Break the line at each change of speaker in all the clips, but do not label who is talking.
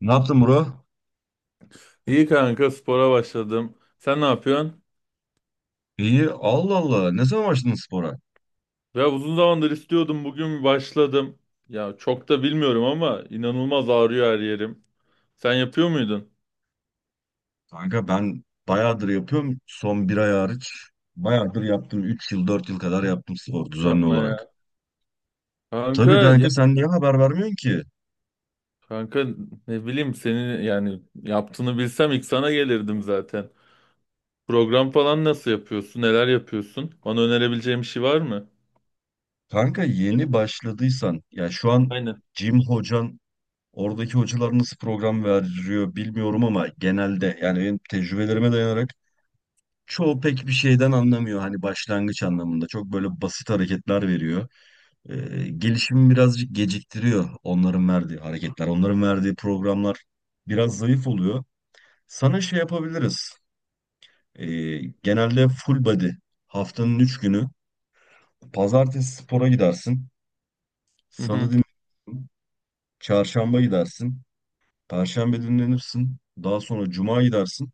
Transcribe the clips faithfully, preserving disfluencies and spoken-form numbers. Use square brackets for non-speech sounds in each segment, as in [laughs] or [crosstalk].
Ne yaptın bro?
İyi kanka, spora başladım. Sen ne yapıyorsun?
İyi. Allah Allah. Ne zaman başladın spora?
Ya uzun zamandır istiyordum, bugün başladım. Ya çok da bilmiyorum ama inanılmaz ağrıyor her yerim. Sen yapıyor muydun?
Kanka ben bayağıdır yapıyorum. Son bir ay hariç. Bayağıdır yaptım. Üç yıl dört yıl kadar yaptım spor düzenli
Yapma ya.
olarak.
Kanka
Tabii
ya,
kanka sen niye haber vermiyorsun ki?
kanka ne bileyim, senin yani yaptığını bilsem ilk sana gelirdim zaten. Program falan nasıl yapıyorsun? Neler yapıyorsun? Bana önerebileceğin bir şey var mı?
Kanka yeni başladıysan ya şu an
Aynen.
Jim hocan, oradaki hocalar nasıl program veriyor bilmiyorum ama genelde yani benim tecrübelerime dayanarak çoğu pek bir şeyden anlamıyor. Hani başlangıç anlamında çok böyle basit hareketler veriyor. E, Gelişimi birazcık geciktiriyor, onların verdiği hareketler, onların verdiği programlar biraz zayıf oluyor. Sana şey yapabiliriz. E, Genelde full body haftanın üç günü: pazartesi spora gidersin,
Hı
salı
hı.
dinlenirsin, çarşamba gidersin, perşembe dinlenirsin, daha sonra cuma gidersin,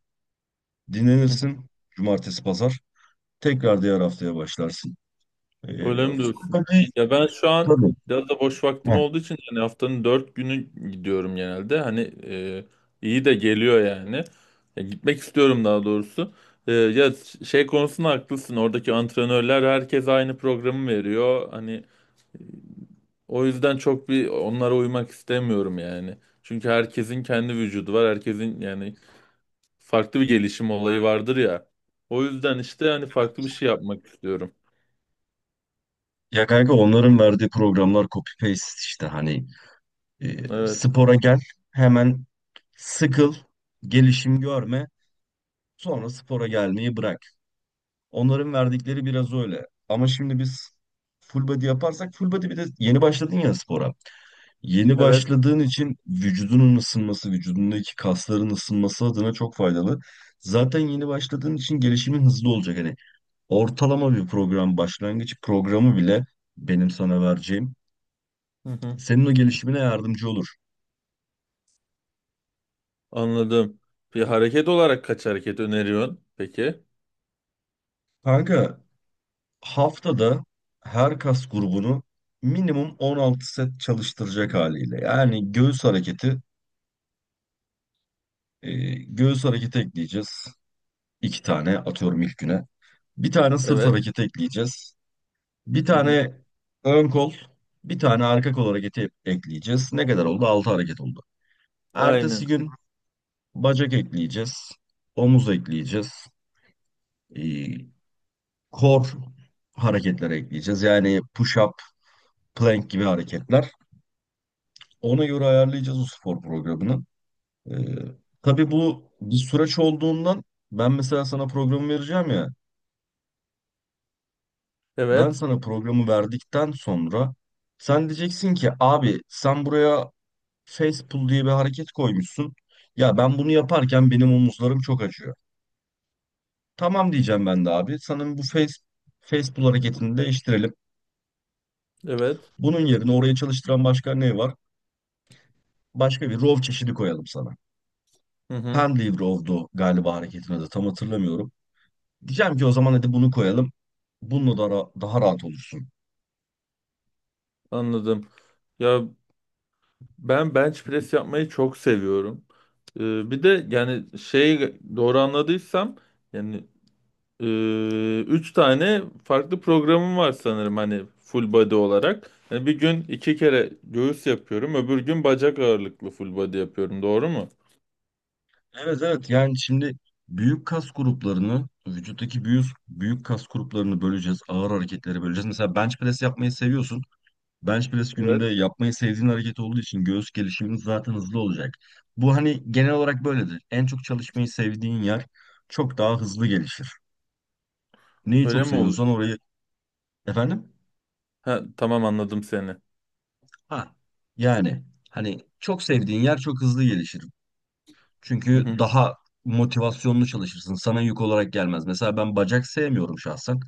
dinlenirsin, cumartesi pazar tekrar diğer haftaya başlarsın. E,
Öyle mi
Full
diyorsun?
body
Ya ben şu an
tabii.
biraz da boş vaktim
Heh.
olduğu için hani haftanın dört günü gidiyorum genelde. Hani e, iyi de geliyor yani. Ya gitmek istiyorum daha doğrusu. E, ya şey konusunda haklısın. Oradaki antrenörler herkes aynı programı veriyor. Hani o yüzden çok bir onlara uymak istemiyorum yani. Çünkü herkesin kendi vücudu var. Herkesin yani farklı bir gelişim olayı vardır ya. O yüzden işte hani farklı bir şey yapmak istiyorum.
Ya kanka, onların verdiği programlar copy paste işte hani. E,
Evet.
Spora gel, hemen sıkıl, gelişim görme, sonra spora gelmeyi bırak. Onların verdikleri biraz öyle. Ama şimdi biz full body yaparsak, full body bir de yeni başladın ya spora. Yeni
Evet.
başladığın için vücudunun ısınması, vücudundaki kasların ısınması adına çok faydalı. Zaten yeni başladığın için gelişimin hızlı olacak. Hani ortalama bir program, başlangıç programı bile benim sana vereceğim
Hı hı.
senin o gelişimine yardımcı olur.
Anladım. Bir hareket olarak kaç hareket öneriyorsun? Peki.
Kanka, haftada her kas grubunu minimum on altı set çalıştıracak haliyle. Yani göğüs hareketi, e, göğüs hareketi ekleyeceğiz. İki tane atıyorum ilk güne. Bir tane sırt
Evet.
hareketi ekleyeceğiz. Bir
Hı hı.
tane ön kol, bir tane arka kol hareketi ekleyeceğiz. Ne kadar oldu? Altı hareket oldu.
Aynen.
Ertesi gün bacak ekleyeceğiz. Omuz ekleyeceğiz. E, Kor hareketleri ekleyeceğiz. Yani push-up, plank gibi hareketler. Ona göre ayarlayacağız o spor programını. Ee, tabii bu bir süreç olduğundan, ben mesela sana programı vereceğim ya. Ben
Evet.
sana programı verdikten sonra sen diyeceksin ki, abi sen buraya face pull diye bir hareket koymuşsun. Ya ben bunu yaparken benim omuzlarım çok acıyor. Tamam diyeceğim ben de, abi sana bu face, face pull hareketini değiştirelim.
Evet.
Bunun yerine oraya çalıştıran başka ne var? Başka bir row çeşidi koyalım sana.
Hı hı.
Pendlay row'du galiba hareketin adı, tam hatırlamıyorum. Diyeceğim ki o zaman hadi bunu koyalım. Bununla da ra- daha rahat olursun.
Anladım. Ya ben bench press yapmayı çok seviyorum. Ee, bir de yani şey, doğru anladıysam yani, e, üç tane farklı programım var sanırım, hani full body olarak. Yani bir gün iki kere göğüs yapıyorum, öbür gün bacak ağırlıklı full body yapıyorum. Doğru mu?
Evet evet, yani şimdi büyük kas gruplarını, vücuttaki büyük, büyük kas gruplarını böleceğiz. Ağır hareketlere böleceğiz. Mesela bench press yapmayı seviyorsun. Bench press gününde
Evet.
yapmayı sevdiğin hareket olduğu için göğüs gelişimin zaten hızlı olacak. Bu hani genel olarak böyledir. En çok çalışmayı sevdiğin yer çok daha hızlı gelişir. Neyi
Öyle
çok
mi
seviyorsan
oluyor?
orayı. Efendim?
Ha, tamam, anladım seni.
Ha. Yani Hani çok sevdiğin yer çok hızlı gelişir.
Hı
Çünkü
hı,
daha motivasyonlu çalışırsın. Sana yük olarak gelmez. Mesela ben bacak sevmiyorum şahsen.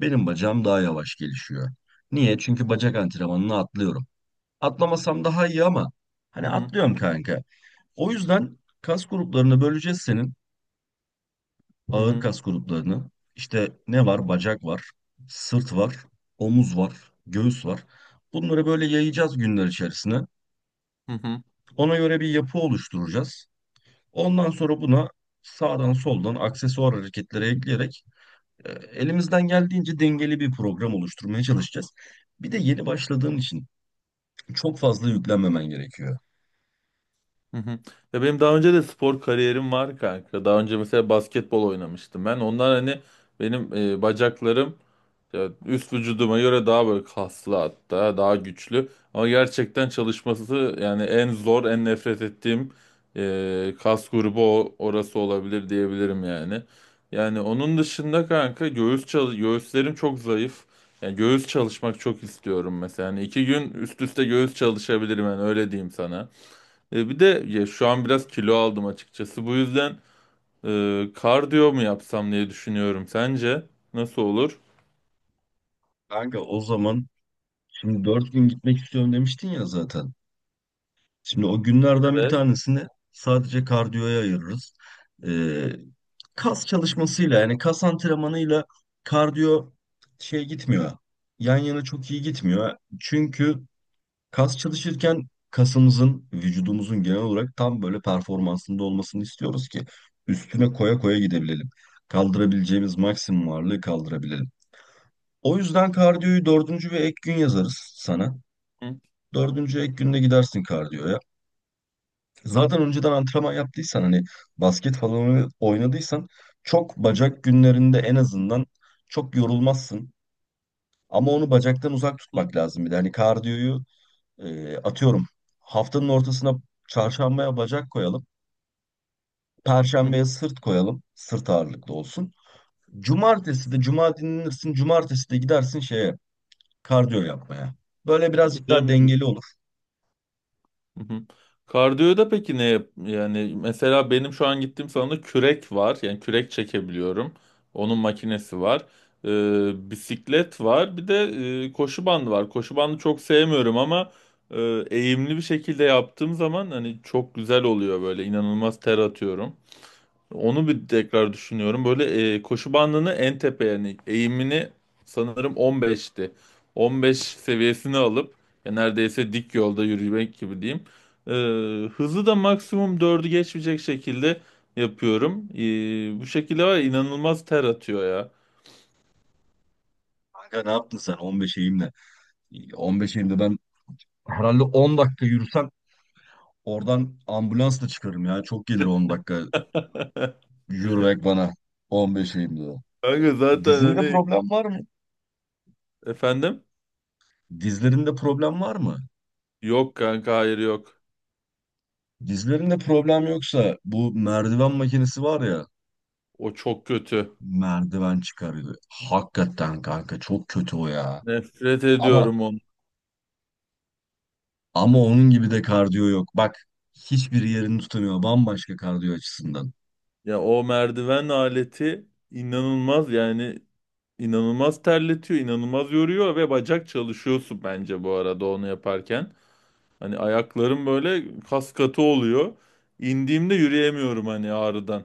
Benim bacağım daha yavaş gelişiyor. Niye? Çünkü bacak antrenmanını atlıyorum. Atlamasam daha iyi ama hani
hı hı,
atlıyorum kanka. O yüzden kas gruplarını böleceğiz senin.
hı
Ağır
hı,
kas gruplarını. İşte ne var? Bacak var, sırt var, omuz var, göğüs var. Bunları böyle yayacağız günler içerisine.
hı hı,
Ona göre bir yapı oluşturacağız. Ondan sonra buna sağdan soldan aksesuar hareketlere ekleyerek, e, elimizden geldiğince dengeli bir program oluşturmaya çalışacağız. Bir de yeni başladığın için çok fazla yüklenmemen gerekiyor.
hı hı. Ya benim daha önce de spor kariyerim var kanka. Daha önce mesela basketbol oynamıştım ben. Ondan hani benim e, bacaklarım, ya üst vücuduma göre daha böyle kaslı, hatta daha güçlü, ama gerçekten çalışması yani en zor, en nefret ettiğim e, kas grubu o, orası olabilir diyebilirim yani. Yani onun dışında kanka, göğüs çalış, göğüslerim çok zayıf. Yani göğüs çalışmak çok istiyorum mesela. Yani iki gün üst üste göğüs çalışabilirim, yani öyle diyeyim sana. E, bir de ya şu an biraz kilo aldım açıkçası. Bu yüzden e, kardiyo mu yapsam diye düşünüyorum. Sence nasıl olur?
Kanka o zaman, şimdi dört gün gitmek istiyorum demiştin ya zaten. Şimdi o günlerden bir
Evet.
tanesini sadece kardiyoya ayırırız. E, Kas çalışmasıyla, yani kas antrenmanıyla kardiyo şey gitmiyor. Yan yana çok iyi gitmiyor. Çünkü kas çalışırken kasımızın, vücudumuzun genel olarak tam böyle performansında olmasını istiyoruz ki üstüne koya koya gidebilelim. Kaldırabileceğimiz maksimum ağırlığı kaldırabilelim. O yüzden kardiyoyu dördüncü ve ek gün yazarız sana. Dördüncü ek günde gidersin kardiyoya. Zaten önceden antrenman yaptıysan, hani basket falan oynadıysan, çok bacak günlerinde en azından çok yorulmazsın. Ama onu bacaktan uzak
Hı.
tutmak lazım bir de. Hani kardiyoyu. Ee, atıyorum haftanın ortasına, çarşambaya bacak koyalım.
Hı.
Perşembeye sırt koyalım. Sırt ağırlıklı olsun. Cumartesi de cuma dinlenirsin. Cumartesi de gidersin şeye, kardiyo yapmaya. Böyle birazcık daha
Yemiyor.
dengeli olur.
Hı hı. Kardiyoda peki ne yap- yani mesela benim şu an gittiğim salonda kürek var, yani kürek çekebiliyorum, onun makinesi var. Ee, bisiklet var, bir de e, koşu bandı var. Koşu bandı çok sevmiyorum ama e, eğimli bir şekilde yaptığım zaman hani çok güzel oluyor, böyle inanılmaz ter atıyorum. Onu bir tekrar düşünüyorum. Böyle e, koşu bandını en tepe, yani eğimini sanırım on beşti. on beş seviyesini alıp ya neredeyse dik yolda yürümek gibi diyeyim. E, Hızı da maksimum dördü geçmeyecek şekilde yapıyorum. E, bu şekilde var ya, inanılmaz ter atıyor ya.
Kanka, ne yaptın sen on beş eğimle? on beş eğimde ben herhalde on dakika yürüsem oradan ambulansla çıkarım ya. Çok gelir on dakika
[laughs]
yürümek bana on beş eğimde.
Kanka zaten
Dizinde
hani,
problem var mı?
efendim?
Dizlerinde problem var mı?
Yok kanka, hayır yok.
Dizlerinde problem yoksa, bu merdiven makinesi var ya,
O çok kötü.
merdiven çıkarıyor. Hakikaten kanka çok kötü o ya.
Nefret
Ama
ediyorum onu.
ama onun gibi de kardiyo yok. Bak, hiçbir yerini tutamıyor, bambaşka kardiyo açısından.
Ya o merdiven aleti inanılmaz yani. İnanılmaz terletiyor, inanılmaz yoruyor ve bacak çalışıyorsun bence bu arada onu yaparken. Hani ayaklarım böyle kas katı oluyor. İndiğimde yürüyemiyorum hani ağrıdan.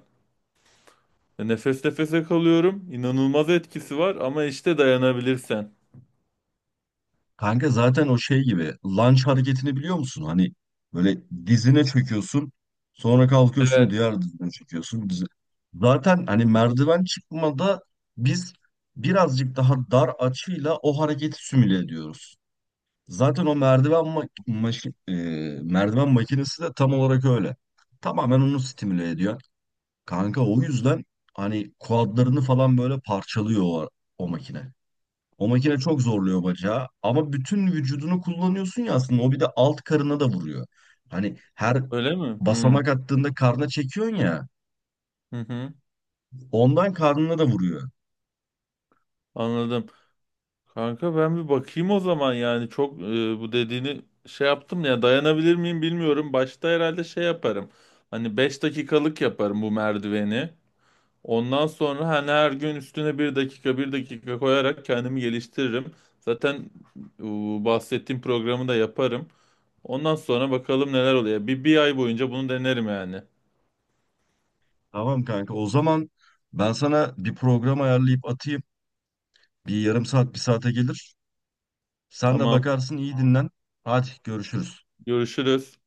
Nefes nefese kalıyorum. İnanılmaz etkisi var ama işte dayanabilirsen.
Kanka, zaten o şey gibi, lunge hareketini biliyor musun? Hani böyle dizine çöküyorsun, sonra kalkıyorsun
Evet.
diğer dizine çöküyorsun. Dizi. Zaten hani merdiven çıkmada biz birazcık daha dar açıyla o hareketi simüle ediyoruz. Zaten o merdiven mak maşi- e, merdiven makinesi de tam olarak öyle. Tamamen onu stimüle ediyor. Kanka o yüzden hani kuadlarını falan böyle parçalıyor o, o makine. O makine çok zorluyor bacağı ama bütün vücudunu kullanıyorsun ya, aslında o bir de alt karına da vuruyor. Hani her
Öyle mi? Hmm.
basamak attığında karna çekiyorsun ya,
Hı hı.
ondan karnına da vuruyor.
Anladım. Kanka ben bir bakayım o zaman, yani çok e, bu dediğini şey yaptım ya, dayanabilir miyim bilmiyorum. Başta herhalde şey yaparım. Hani beş dakikalık yaparım bu merdiveni. Ondan sonra hani her gün üstüne bir dakika bir dakika koyarak kendimi geliştiririm. Zaten bu bahsettiğim programı da yaparım. Ondan sonra bakalım neler oluyor. Bir, bir ay boyunca bunu denerim yani.
Tamam kanka, o zaman ben sana bir program ayarlayıp atayım. Bir yarım saat bir saate gelir. Sen de
Tamam.
bakarsın, iyi dinlen. Hadi görüşürüz.
Görüşürüz.